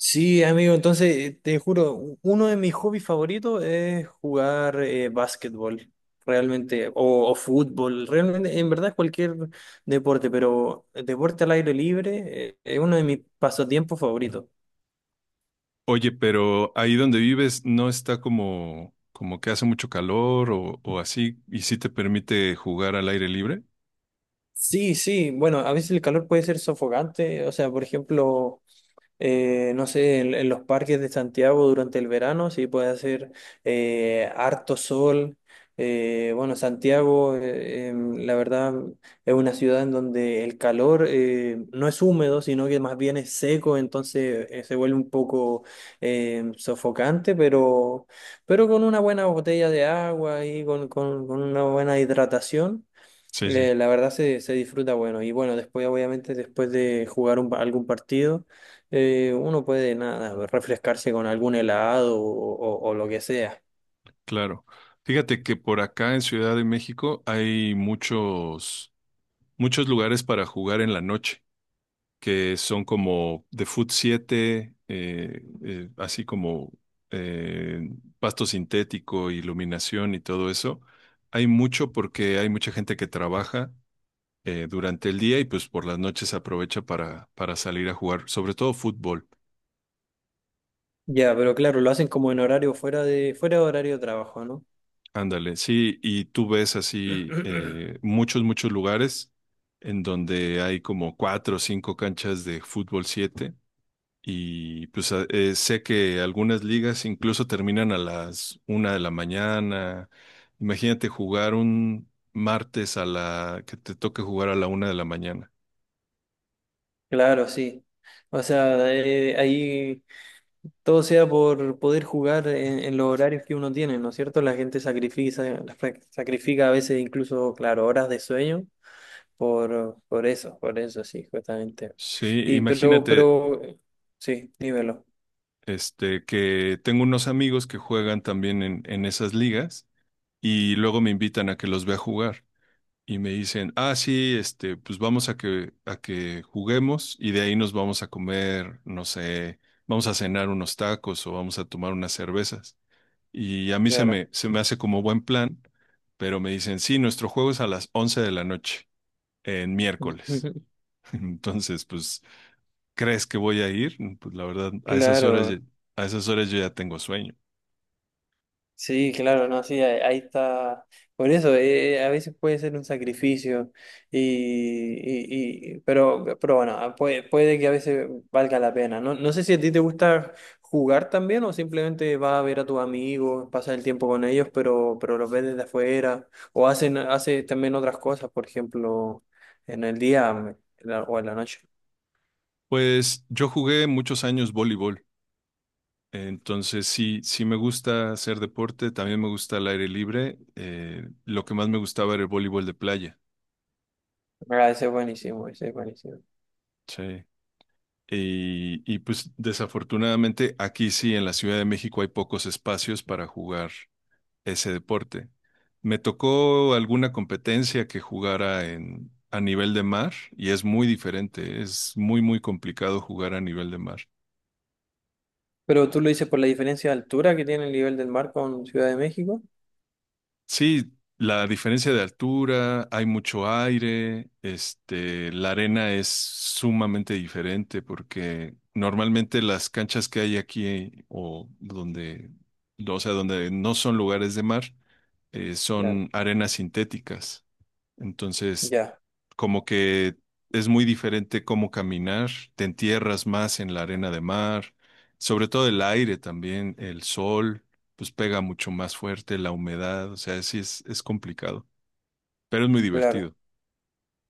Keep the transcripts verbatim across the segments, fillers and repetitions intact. Sí, amigo, entonces eh, te juro, u- uno de mis hobbies favoritos es jugar eh, básquetbol, realmente, o, o fútbol, realmente, en verdad cualquier deporte, pero el deporte al aire libre eh, es uno de mis pasatiempos favoritos. Oye, pero ahí donde vives no está como, como que hace mucho calor o, o así, y sí te permite jugar al aire libre. Sí, sí, bueno, a veces el calor puede ser sofocante, o sea, por ejemplo, eh, no sé, en, en los parques de Santiago durante el verano, sí puede hacer eh, harto sol. Eh, bueno, Santiago, eh, em, la verdad, es una ciudad en donde el calor eh, no es húmedo, sino que más bien es seco, entonces eh, se vuelve un poco em, sofocante, pero, pero con una buena botella de agua y con, con con una buena hidratación. Sí, sí, Eh, la verdad se, se disfruta bueno y bueno, después obviamente después de jugar un pa- algún partido, eh, uno puede nada, refrescarse con algún helado o, o- o lo que sea. claro. Fíjate que por acá en Ciudad de México hay muchos, muchos lugares para jugar en la noche, que son como de Food siete, eh, eh, así como eh, pasto sintético, iluminación y todo eso. Hay mucho porque hay mucha gente que trabaja eh, durante el día y pues por las noches aprovecha para, para salir a jugar, sobre todo fútbol. Ya, pero claro, lo hacen como en horario fuera de, fuera de horario de trabajo, ¿no? Ándale, sí, y tú ves así eh, muchos, muchos lugares en donde hay como cuatro o cinco canchas de fútbol siete. Y pues a- eh, sé que algunas ligas incluso terminan a las una de la mañana. Imagínate jugar un martes a la que te toque jugar a la una de la mañana. Claro, sí. O sea, eh, ahí todo sea por poder jugar en, en los horarios que uno tiene, ¿no es cierto? La gente sacrifica, sacrifica a veces incluso, claro, horas de sueño. Por, por eso, por eso, sí, justamente. Sí, Y pero, imagínate pero, sí, dímelo, este que tengo unos amigos que juegan también en, en esas ligas y luego me invitan a que los vea jugar y me dicen, ah, sí, este, pues vamos a que a que juguemos y de ahí nos vamos a comer, no sé, vamos a cenar unos tacos o vamos a tomar unas cervezas. Y a mí se claro. me, se me hace como buen plan, pero me dicen, sí, nuestro juego es a las once de la noche, en miércoles. Entonces, pues, ¿crees que voy a ir? Mm, pues la verdad, a esas horas, ya- Claro, a esas horas yo ya tengo sueño. sí, claro, no, sí, ahí, ahí está. Por eso, eh, a veces puede ser un sacrificio, y, y- y- pero, pero bueno, ah, puede, puede que a veces valga la pena. No, no sé si a ti te gusta jugar también o simplemente vas a ver a tus amigos, pasas el tiempo con ellos, pero, pero los ves desde afuera o hacen, haces también otras cosas, por ejemplo, en el día mm, en la- o en la noche. Pues yo jugué muchos años voleibol, entonces sí, sí me gusta hacer deporte, también me gusta el aire libre. Eh, lo que más me gustaba era el voleibol de playa. Ah, ese es buenísimo, ese es buenísimo. Sí. Y, y pues desafortunadamente aquí sí, en la Ciudad de México hay pocos espacios para jugar ese deporte. Me tocó alguna competencia que jugara en, a nivel de mar y es muy diferente, es muy, muy complicado jugar a nivel de mar. Pero tú lo dices por la diferencia de altura que tiene el nivel del mar con Ciudad de México. Sí, la diferencia de altura, hay mucho aire, este, la arena es sumamente diferente porque normalmente las canchas que hay aquí o donde, o sea, donde no son lugares de mar, eh, son arenas sintéticas. Entonces Ya, como que es muy diferente cómo caminar, te entierras más en la arena de mar, sobre todo el aire también, el sol, pues pega mucho más fuerte, la humedad, o sea, sí es, es complicado, pero es muy claro. divertido.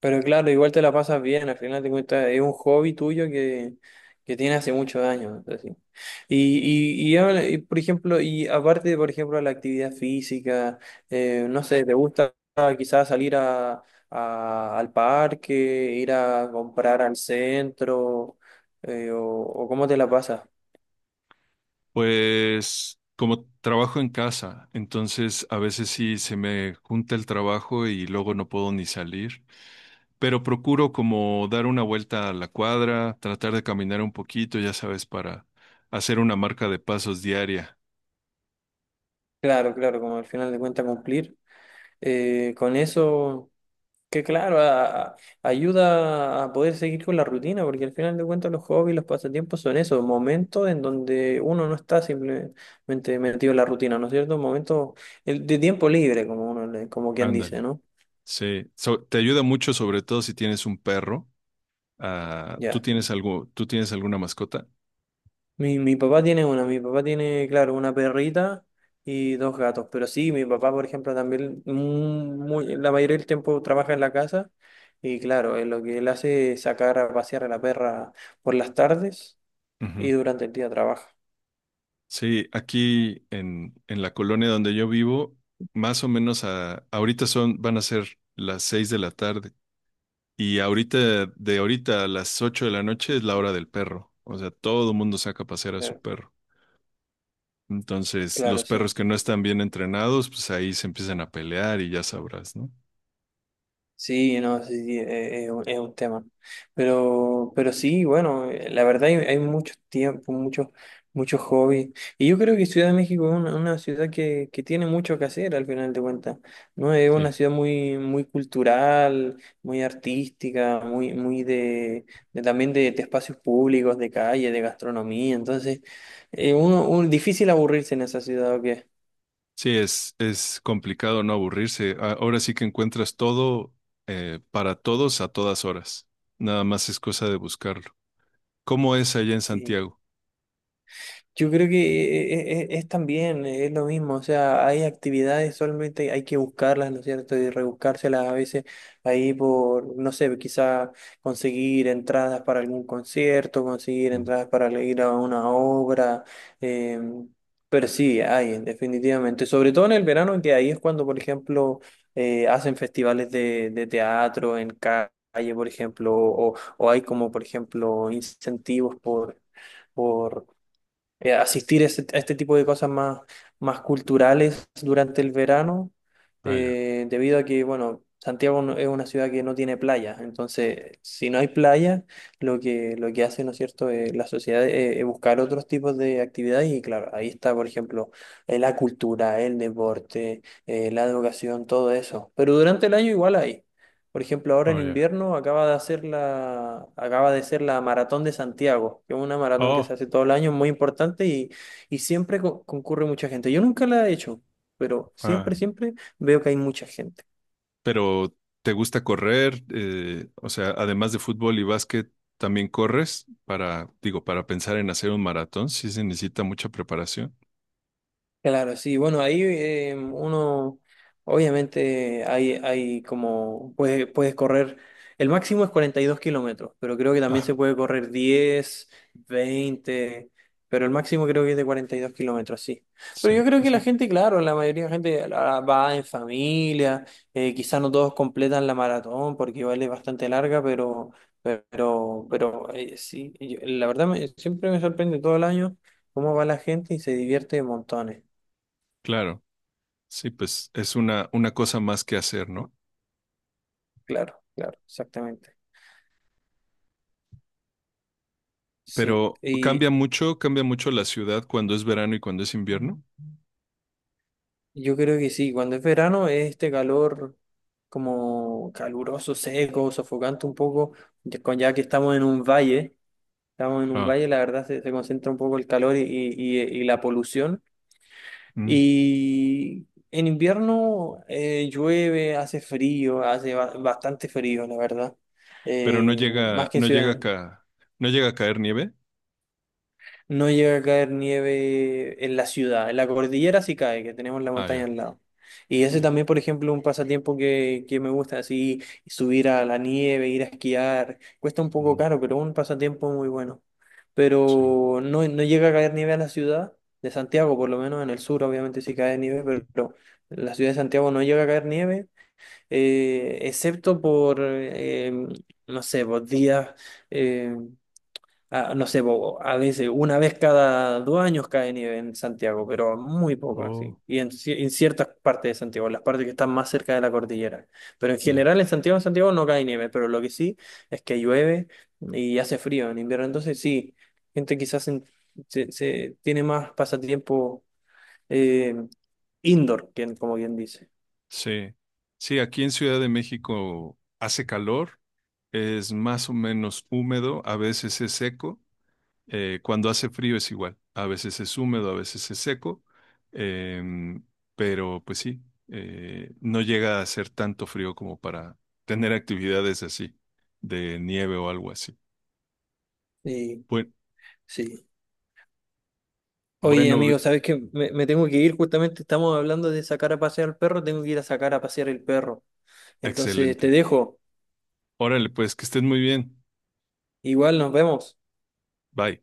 Pero claro, igual te la pasas bien, al final te cuentas, es un hobby tuyo que, que tiene hace muchos años, así. Y, y, y, habla- y, por ejemplo, y aparte, por ejemplo, de la actividad física, eh, no sé, ¿te gusta quizás salir a, a- al parque, ir a comprar al centro, eh, o, o cómo te la pasas? Pues como trabajo en casa, entonces a veces sí se me junta el trabajo y luego no puedo ni salir. Pero procuro como dar una vuelta a la cuadra, tratar de caminar un poquito, ya sabes, para hacer una marca de pasos diaria. Claro, claro, como al final de cuentas cumplir eh, con eso. Que claro, a- a- ayuda a poder seguir con la rutina, porque al final de cuentas los hobbies, los pasatiempos son eso, momentos en donde uno no está simplemente metido en la rutina, ¿no es cierto? Momentos el- de tiempo libre, como uno, le- como quien Ándale. dice, ¿no? Sí, So- te ayuda mucho, sobre todo si tienes un perro. Ah, ¿tú Ya. tienes algo, tú tienes alguna mascota? Mi, mi papá tiene una, mi papá tiene, claro, una perrita y dos gatos, pero sí, mi papá, por ejemplo, también mm, muy- la mayoría del tiempo trabaja en la casa y claro, él lo que él hace es sacar a pasear a la perra por las tardes Ujú. y durante el día trabaja. Sí, aquí en, en la colonia donde yo vivo, más o menos a, ahorita son, van a ser las seis de la tarde. Y ahorita, de ahorita a las ocho de la noche es la hora del perro. O sea, todo el mundo saca a pasear a su Eh, perro. Entonces, los Claro, sí. perros que no están bien entrenados, pues ahí se empiezan a pelear y ya sabrás, ¿no? Sí, no, sí, sí, eh, es, un es un tema. Pero, pero sí, bueno, eh, la verdad hay, hay mucho tiempo, muchos muchos hobbies. Y yo creo que Ciudad de México es una, una ciudad que, que tiene mucho que hacer al final de cuentas, ¿no? Es una Sí. ciudad muy, muy cultural, muy artística, muy, muy de, de también de, de espacios públicos, de calle, de gastronomía. Entonces, eh, uno, un, difícil aburrirse en esa ciudad, ¿o qué? Sí, es, es complicado no aburrirse. A- Ahora sí que encuentras todo eh, para todos a todas horas. Nada más es cosa de buscarlo. ¿Cómo es allá en Sí. Santiago? Yo creo que es, es es también, eh, es lo mismo, o sea, hay actividades, solamente hay que buscarlas, ¿no es cierto? Y rebuscárselas a veces ahí por, no sé, quizá conseguir entradas para algún concierto, conseguir Mm. entradas para le- ir a una obra, eh, pero sí, hay, definitivamente, sobre todo en el verano, que ahí es cuando, por ejemplo, eh, hacen festivales de, de teatro en calle, por ejemplo, o, o hay como, por ejemplo, incentivos por... por eh, asistir a este, a este tipo de cosas más, más culturales durante el verano, Ah, ya. eh, debido a que, bueno, Santiago no- es una ciudad que no tiene playa, entonces si no hay playa, lo que, lo que hace, ¿no es cierto? Eh, la sociedad eh, es buscar otros tipos de actividades y claro, ahí está, por ejemplo, eh, la cultura, el deporte, eh, la educación, todo eso, pero durante el año igual hay. Por ejemplo, ahora Oh, en ya. invierno acaba de hacer la, acaba de ser la Maratón de Santiago, que es una maratón que se Oh, hace todo el año, muy importante y, y siempre co- concurre mucha gente. Yo nunca la he hecho, pero ah. siempre, siempre veo que hay mucha gente. Pero, ¿te gusta correr? Eh, o sea, además de fútbol y básquet, ¿también corres? Para, digo, para pensar en hacer un maratón, sí se necesita mucha preparación. Claro, sí, bueno, ahí eh, uno, obviamente hay, hay como, puedes, puedes correr, el máximo es cuarenta y dos kilómetros, pero creo que también se Ah, puede correr diez veinte, pero el máximo creo que es de cuarenta y dos kilómetros, sí. sí, Pero yo creo que la sí, gente, claro, la mayoría de la gente la- va en familia, eh, quizás no todos completan la maratón porque vale bastante larga, pero, pero, pero eh, sí, yo- la verdad me- siempre me sorprende todo el año cómo va la gente y se divierte montones. claro. Sí, pues es una, una cosa más que hacer, ¿no? Claro, claro, exactamente. Sí, Pero y cambia mucho, cambia mucho la ciudad cuando es verano y cuando es invierno. yo creo que sí, cuando es verano es este calor como caluroso, seco, sofocante un poco, ya con- ya que estamos en un valle, estamos en un Ah, valle, la verdad se, se concentra un poco el calor y, y- y- y la polución. mm. Y en invierno eh, llueve, hace frío, hace ba- bastante frío, la verdad, Pero no Eh, más llega, que en no llega a ciudad. ca- no llega a caer nieve. No llega a caer nieve en la ciudad, en la cordillera sí cae, que tenemos la Ah, montaña ya, al lado. Y ese ya. también, por ejemplo, un pasatiempo que, que me gusta, así subir a la nieve, ir a esquiar. Cuesta un poco Mm, caro, pero un pasatiempo muy bueno. sí. Pero no, no llega a caer nieve a la ciudad de Santiago, por lo menos en el sur, obviamente sí cae nieve, pero, pero en la ciudad de Santiago no llega a caer nieve, eh, excepto por, eh, no sé, por días. eh, Ah, no sé, po, a veces una vez cada dos años cae nieve en Santiago, pero muy poco Oh, así. Y en, ci- en ciertas partes de Santiago, las partes que están más cerca de la cordillera. Pero en ya. general en Santiago, Santiago no cae nieve, pero lo que sí es que llueve y hace frío en invierno. Entonces sí, gente quizás en- se, se tiene más pasatiempo eh, indoor, quien- como bien dice. Sí, sí, aquí en Ciudad de México hace calor, es más o menos húmedo, a veces es seco, eh, cuando hace frío es igual, a veces es húmedo, a veces es seco, em, pero pues sí, eh, no llega a ser tanto frío como para tener actividades así, de nieve o algo así. Sí, Buen- sí. Oye, Bueno, amigo, ¿sabes qué? Me, me tengo que ir, justamente estamos hablando de sacar a pasear al perro, tengo que ir a sacar a pasear el perro. Entonces te excelente. dejo. Órale, pues que estés muy bien. Igual nos vemos. Bye.